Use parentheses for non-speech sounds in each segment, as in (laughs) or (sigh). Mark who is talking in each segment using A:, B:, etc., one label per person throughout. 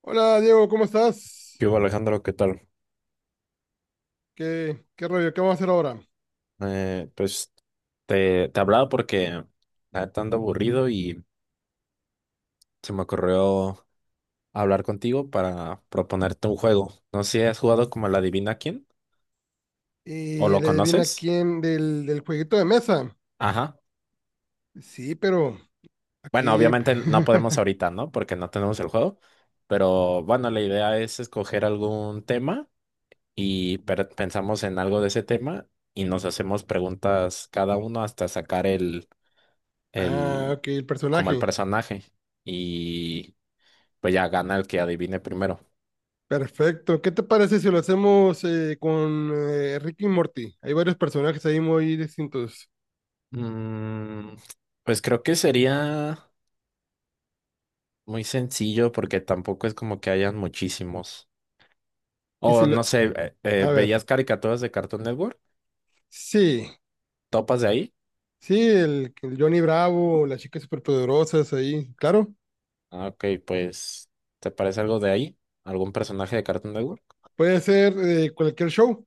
A: Hola Diego, ¿cómo estás?
B: ¿Qué hubo, Alejandro? ¿Qué tal?
A: ¿Qué rollo? ¿Qué vamos a hacer ahora?
B: Pues te hablaba porque la neta ando aburrido y se me ocurrió hablar contigo para proponerte un juego. No sé si has jugado como la Adivina quién o
A: Y
B: lo
A: le adivina
B: conoces.
A: quién del jueguito de mesa.
B: Ajá.
A: Sí, pero
B: Bueno,
A: aquí.
B: obviamente no podemos
A: (laughs)
B: ahorita, ¿no? Porque no tenemos el juego. Pero bueno, la idea es escoger algún tema y pensamos en algo de ese tema y nos hacemos preguntas cada uno hasta sacar el,
A: Ah,
B: el,
A: ok, el
B: como el
A: personaje.
B: personaje. Y Pues ya gana el que adivine primero.
A: Perfecto. ¿Qué te parece si lo hacemos con Rick y Morty? Hay varios personajes ahí muy distintos.
B: Mm, pues creo que sería muy sencillo porque tampoco es como que hayan muchísimos.
A: Y si
B: O
A: lo...
B: no sé,
A: A ver.
B: ¿veías caricaturas de Cartoon Network?
A: Sí,
B: ¿Topas de ahí?
A: sí, el Johnny Bravo, las chicas superpoderosas ahí, claro.
B: Ah, ok, pues, ¿te parece algo de ahí? ¿Algún personaje de Cartoon Network?
A: Puede ser cualquier show.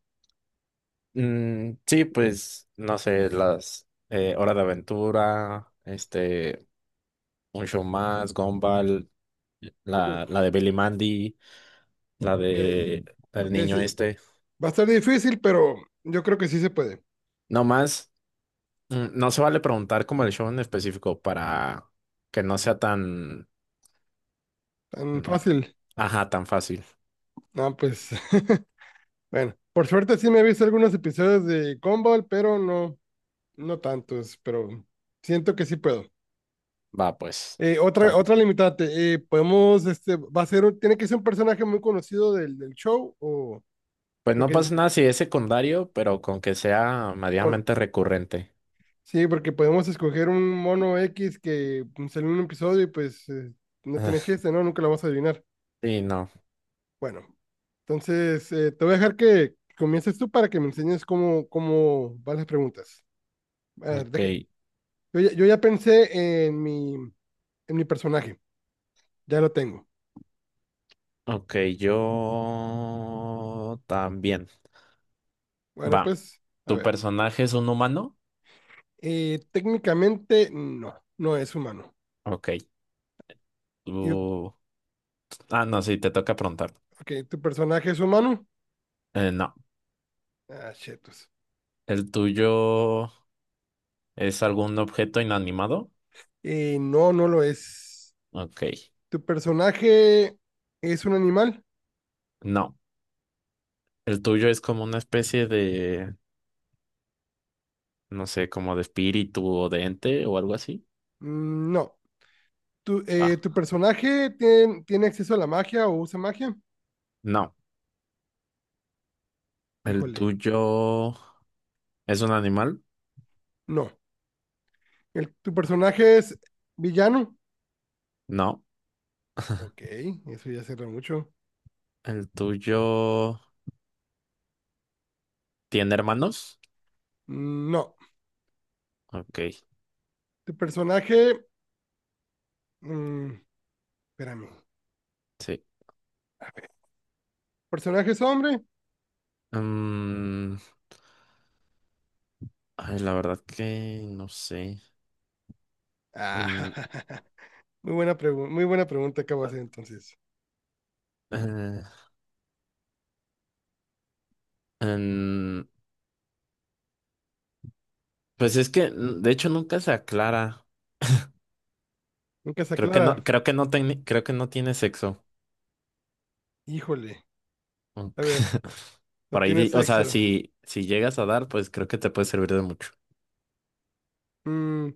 B: Mm, sí, pues no sé, las Hora de Aventura, este, Un Show Más, Gumball,
A: Uf,
B: la de Billy Mandy, la
A: ok.
B: de el
A: Ok,
B: niño
A: sí,
B: este.
A: va a estar difícil, pero yo creo que sí se puede.
B: No más. No se vale preguntar como el show en específico para que no sea tan,
A: Tan
B: mm,
A: fácil.
B: ajá, tan fácil.
A: No, pues. (laughs) Bueno, por suerte sí me he visto algunos episodios de Gumball, pero no, no tantos, pero siento que sí puedo.
B: Va, pues,
A: Eh, otra,
B: tanto.
A: otra limitante, podemos, este, va a ser, tiene que ser un personaje muy conocido del show, o,
B: Pues no
A: porque,
B: pasa nada si es secundario, pero con que sea
A: con,
B: medianamente recurrente.
A: sí, porque podemos escoger un mono X que salió en un episodio y pues no tiene
B: Ah,
A: chiste, ¿no? Nunca lo vas a adivinar.
B: sí, no.
A: Bueno, entonces te voy a dejar que comiences tú para que me enseñes cómo van las preguntas. A ver,
B: Ok,
A: yo ya pensé en mi personaje, ya lo tengo.
B: ok, yo también.
A: Bueno,
B: Va,
A: pues, a
B: ¿tu
A: ver.
B: personaje es un humano?
A: Técnicamente no, no es humano.
B: Ok,
A: Yo,
B: tú... Ah, no, sí, te toca preguntar.
A: ok, ¿tu personaje es humano?
B: No,
A: Ah, chetos.
B: ¿el tuyo es algún objeto inanimado?
A: No, no lo es.
B: Ok.
A: ¿Tu personaje es un animal?
B: No. ¿El tuyo es como una especie de, no sé, como de espíritu o de ente o algo así?
A: No.
B: Ah,
A: ¿Tu personaje tiene, tiene acceso a la magia o usa magia?
B: no. ¿El
A: Híjole.
B: tuyo es un animal?
A: No. ¿Tu personaje es villano?
B: No.
A: Ok, eso ya cierra mucho.
B: ¿El tuyo tiene hermanos?
A: No.
B: Ok,
A: ¿Tu personaje... mm, espérame.
B: sí.
A: A ver. ¿Personaje es hombre?
B: Mm, Ay, la verdad que no sé.
A: Ah,
B: Mm,
A: (laughs) muy buena pregunta acabo de
B: ah,
A: hacer entonces.
B: eh, em, pues es que, de hecho, nunca se aclara.
A: Nunca se
B: Creo que no,
A: aclara.
B: creo que no, creo que no tiene sexo.
A: Híjole.
B: Ok.
A: A ver,
B: (laughs)
A: no
B: Por ahí,
A: tiene
B: o sea,
A: sexo.
B: si llegas a dar, pues creo que te puede servir de mucho.
A: Mm,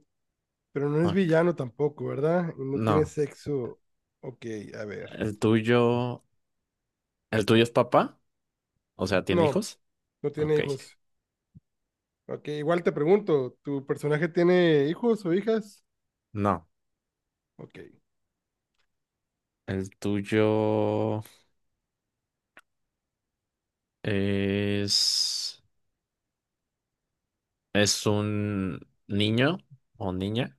A: pero no es
B: Ok.
A: villano tampoco, ¿verdad? Y no tiene
B: No,
A: sexo. Ok, a ver.
B: el tuyo, el tuyo es papá, o sea, ¿tiene
A: No,
B: hijos?
A: no tiene
B: Ok.
A: hijos. Ok, igual te pregunto, ¿tu personaje tiene hijos o hijas?
B: No,
A: Ok.
B: el tuyo es, es un niño o niña.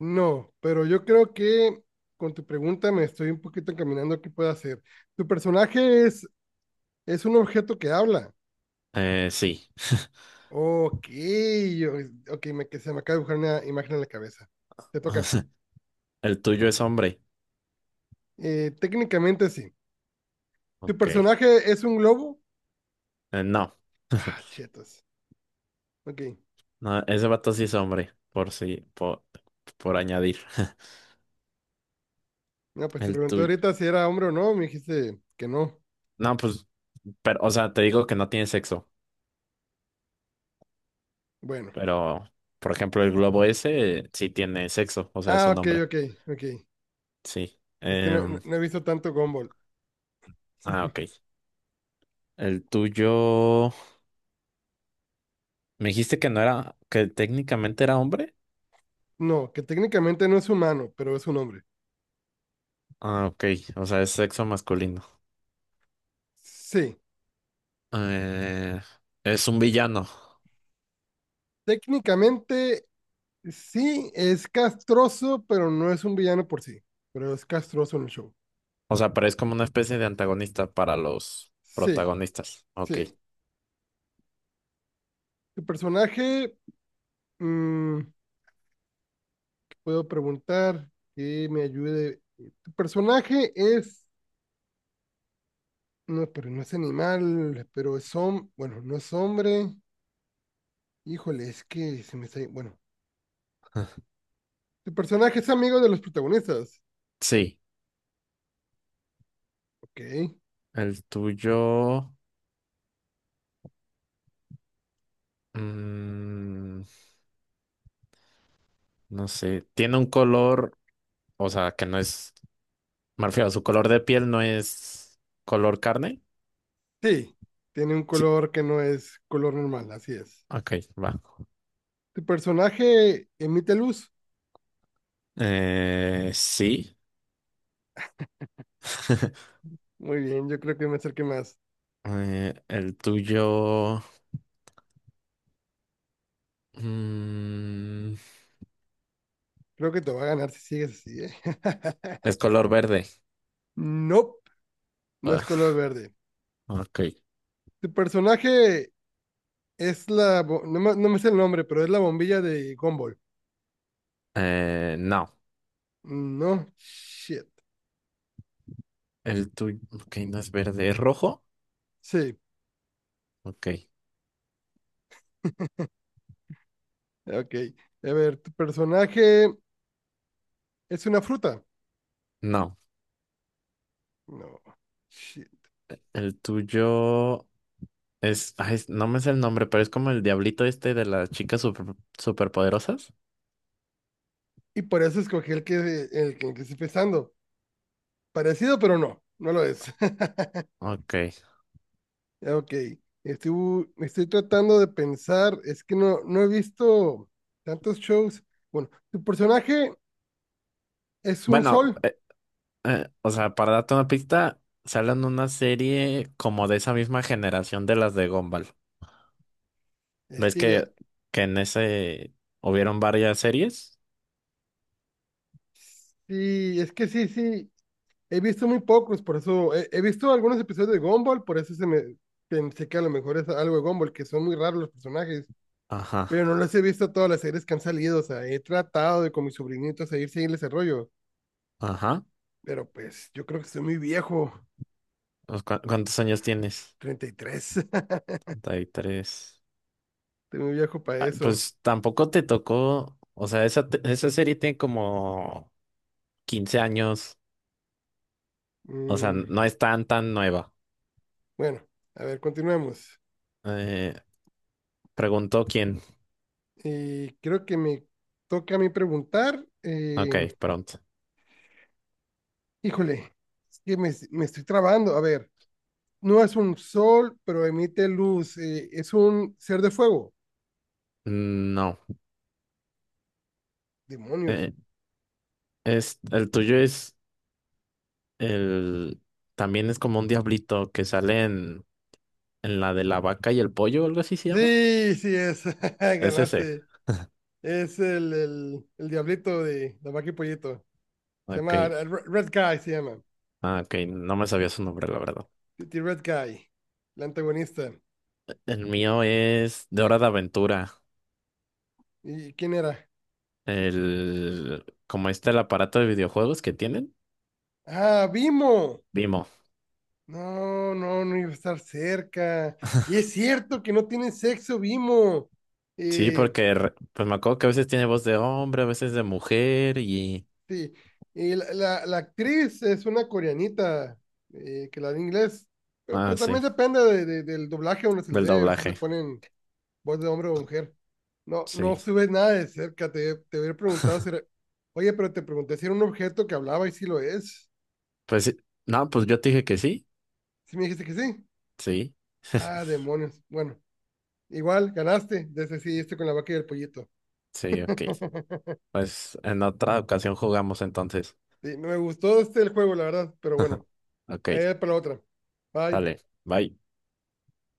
A: No, pero yo creo que con tu pregunta me estoy un poquito encaminando a qué puedo hacer. ¿Tu personaje es un objeto que habla?
B: Sí. (laughs)
A: Ok, yo, ok, me, que se me acaba de dibujar una imagen en la cabeza. Te
B: O
A: toca.
B: sea, el tuyo es hombre.
A: Técnicamente sí. ¿Tu
B: Ok.
A: personaje es un globo?
B: No.
A: Ah,
B: (laughs)
A: chetos. Ok.
B: No, ese vato sí es hombre, por si, por añadir. (laughs)
A: No, pues te
B: El
A: pregunté
B: tuyo.
A: ahorita si era hombre o no, me dijiste que no.
B: No, pues, pero, o sea, te digo que no tiene sexo,
A: Bueno.
B: pero, por ejemplo, el globo ese sí tiene sexo, o sea, es
A: Ah,
B: un
A: ok,
B: hombre,
A: ok, ok.
B: sí.
A: Es que no,
B: Em,
A: no he visto tanto Gumball.
B: ah, ok. El tuyo, me dijiste que no era, que técnicamente era hombre.
A: No, que técnicamente no es humano, pero es un hombre.
B: Ah, ok, o sea, es sexo masculino.
A: Sí.
B: Eh, es un villano,
A: Técnicamente, sí, es castroso, pero no es un villano por sí. Pero es castroso en el show.
B: o sea, pero es como una especie de antagonista para los
A: Sí,
B: protagonistas. Ok.
A: sí. Tu personaje, mm, ¿qué puedo preguntar que me ayude. Tu personaje es, no, pero no es animal, pero es hombre, bueno, no es hombre. Híjole, es que se me está, bueno.
B: (laughs)
A: Tu personaje es amigo de los protagonistas.
B: Sí,
A: Ok.
B: el tuyo, mm, no sé, tiene un color. O sea, que no es, me refiero, su color de piel no es color carne.
A: Sí, tiene un
B: Sí.
A: color que no es color normal, así es.
B: Ok, va.
A: Tu personaje emite luz.
B: Sí. (laughs)
A: Muy bien, yo creo que me acerqué más.
B: El tuyo mm,
A: Creo que te va a ganar si sigues así, ¿eh? (laughs)
B: es color verde.
A: Nope, no es
B: Ah,
A: color verde.
B: ok.
A: Tu personaje es la... No me, no me sé el nombre, pero es la bombilla de Gumball.
B: No.
A: No, shit.
B: El tuyo, ok, no es verde, es rojo.
A: Sí,
B: Ok,
A: ok. A ver, tu personaje es una fruta.
B: no.
A: No, shit.
B: El tuyo no me sé el nombre, pero es como el diablito este de las chicas super, superpoderosas.
A: Y por eso escogí el que estoy pensando. Parecido, pero no, no lo es. (laughs)
B: Ok.
A: Ok, estoy, estoy tratando de pensar, es que no, no he visto tantos shows. Bueno, tu personaje es un
B: Bueno,
A: sol,
B: O sea, para darte una pista, salen una serie como de esa misma generación de las de Gumball.
A: es
B: ¿Ves
A: que ya,
B: que, en ese hubieron varias series?
A: sí, es que sí, sí, he visto muy pocos, por eso, he, he visto algunos episodios de Gumball, por eso se me pensé que a lo mejor es algo de Gumball, que son muy raros los personajes,
B: Ajá,
A: pero no los he visto todas las series que han salido, o sea, he tratado de con mis sobrinitos a ir seguirles el rollo,
B: ajá.
A: pero pues yo creo que estoy muy viejo,
B: Pues, ¿Cuántos años tienes?
A: 33, (laughs)
B: 33.
A: estoy muy viejo para
B: Ah,
A: eso.
B: pues tampoco te tocó, o sea, esa serie tiene como 15 años, o sea,
A: Mm.
B: no es tan, tan nueva.
A: Bueno, a ver, continuamos.
B: Eh, Preguntó quién.
A: Creo que me toca a mí preguntar.
B: Ok, pronto.
A: Híjole, es que me estoy trabando. A ver, no es un sol, pero emite luz. Es un ser de fuego.
B: No.
A: Demonios.
B: Eh, el tuyo es El, también es como un diablito que sale en la de la vaca y el pollo, algo así se llama.
A: Sí, sí es. (laughs)
B: Es ese.
A: Ganaste. Es el diablito de la vaca y pollito. Se
B: Ok.
A: llama Red Guy, se llama.
B: Ah, ok. No me sabía su nombre, la verdad.
A: Pretty Red Guy, el antagonista.
B: El mío es de Hora de Aventura.
A: ¿Y quién era?
B: Como este el aparato de videojuegos que tienen.
A: Ah, Vimo.
B: Vimo.
A: No, no, no iba a estar cerca. Y es cierto que no tienen sexo, Vimo.
B: Sí,
A: Eh,
B: porque pues me acuerdo que a veces tiene voz de hombre, a veces de mujer.
A: sí, la actriz es una coreanita que la de inglés, pero
B: Ah,
A: pues también
B: sí.
A: depende del doblaje a uno se le
B: Del
A: dé. A veces le
B: doblaje.
A: ponen voz de hombre o mujer. No, no
B: Sí.
A: estuve nada de cerca. Te hubiera preguntado si era... Oye, pero te pregunté si era un objeto que hablaba y si lo es.
B: Pues sí. No, pues yo te dije que sí.
A: Si me dijiste que sí.
B: Sí.
A: Ah,
B: (laughs)
A: demonios. Bueno, igual ganaste. Desde sí, este con la vaca y el pollito.
B: Sí, ok.
A: (laughs)
B: Pues en otra ocasión jugamos entonces.
A: Sí, me gustó este el juego, la verdad, pero bueno, ahí
B: Ok,
A: es para la otra. Bye.
B: dale, bye.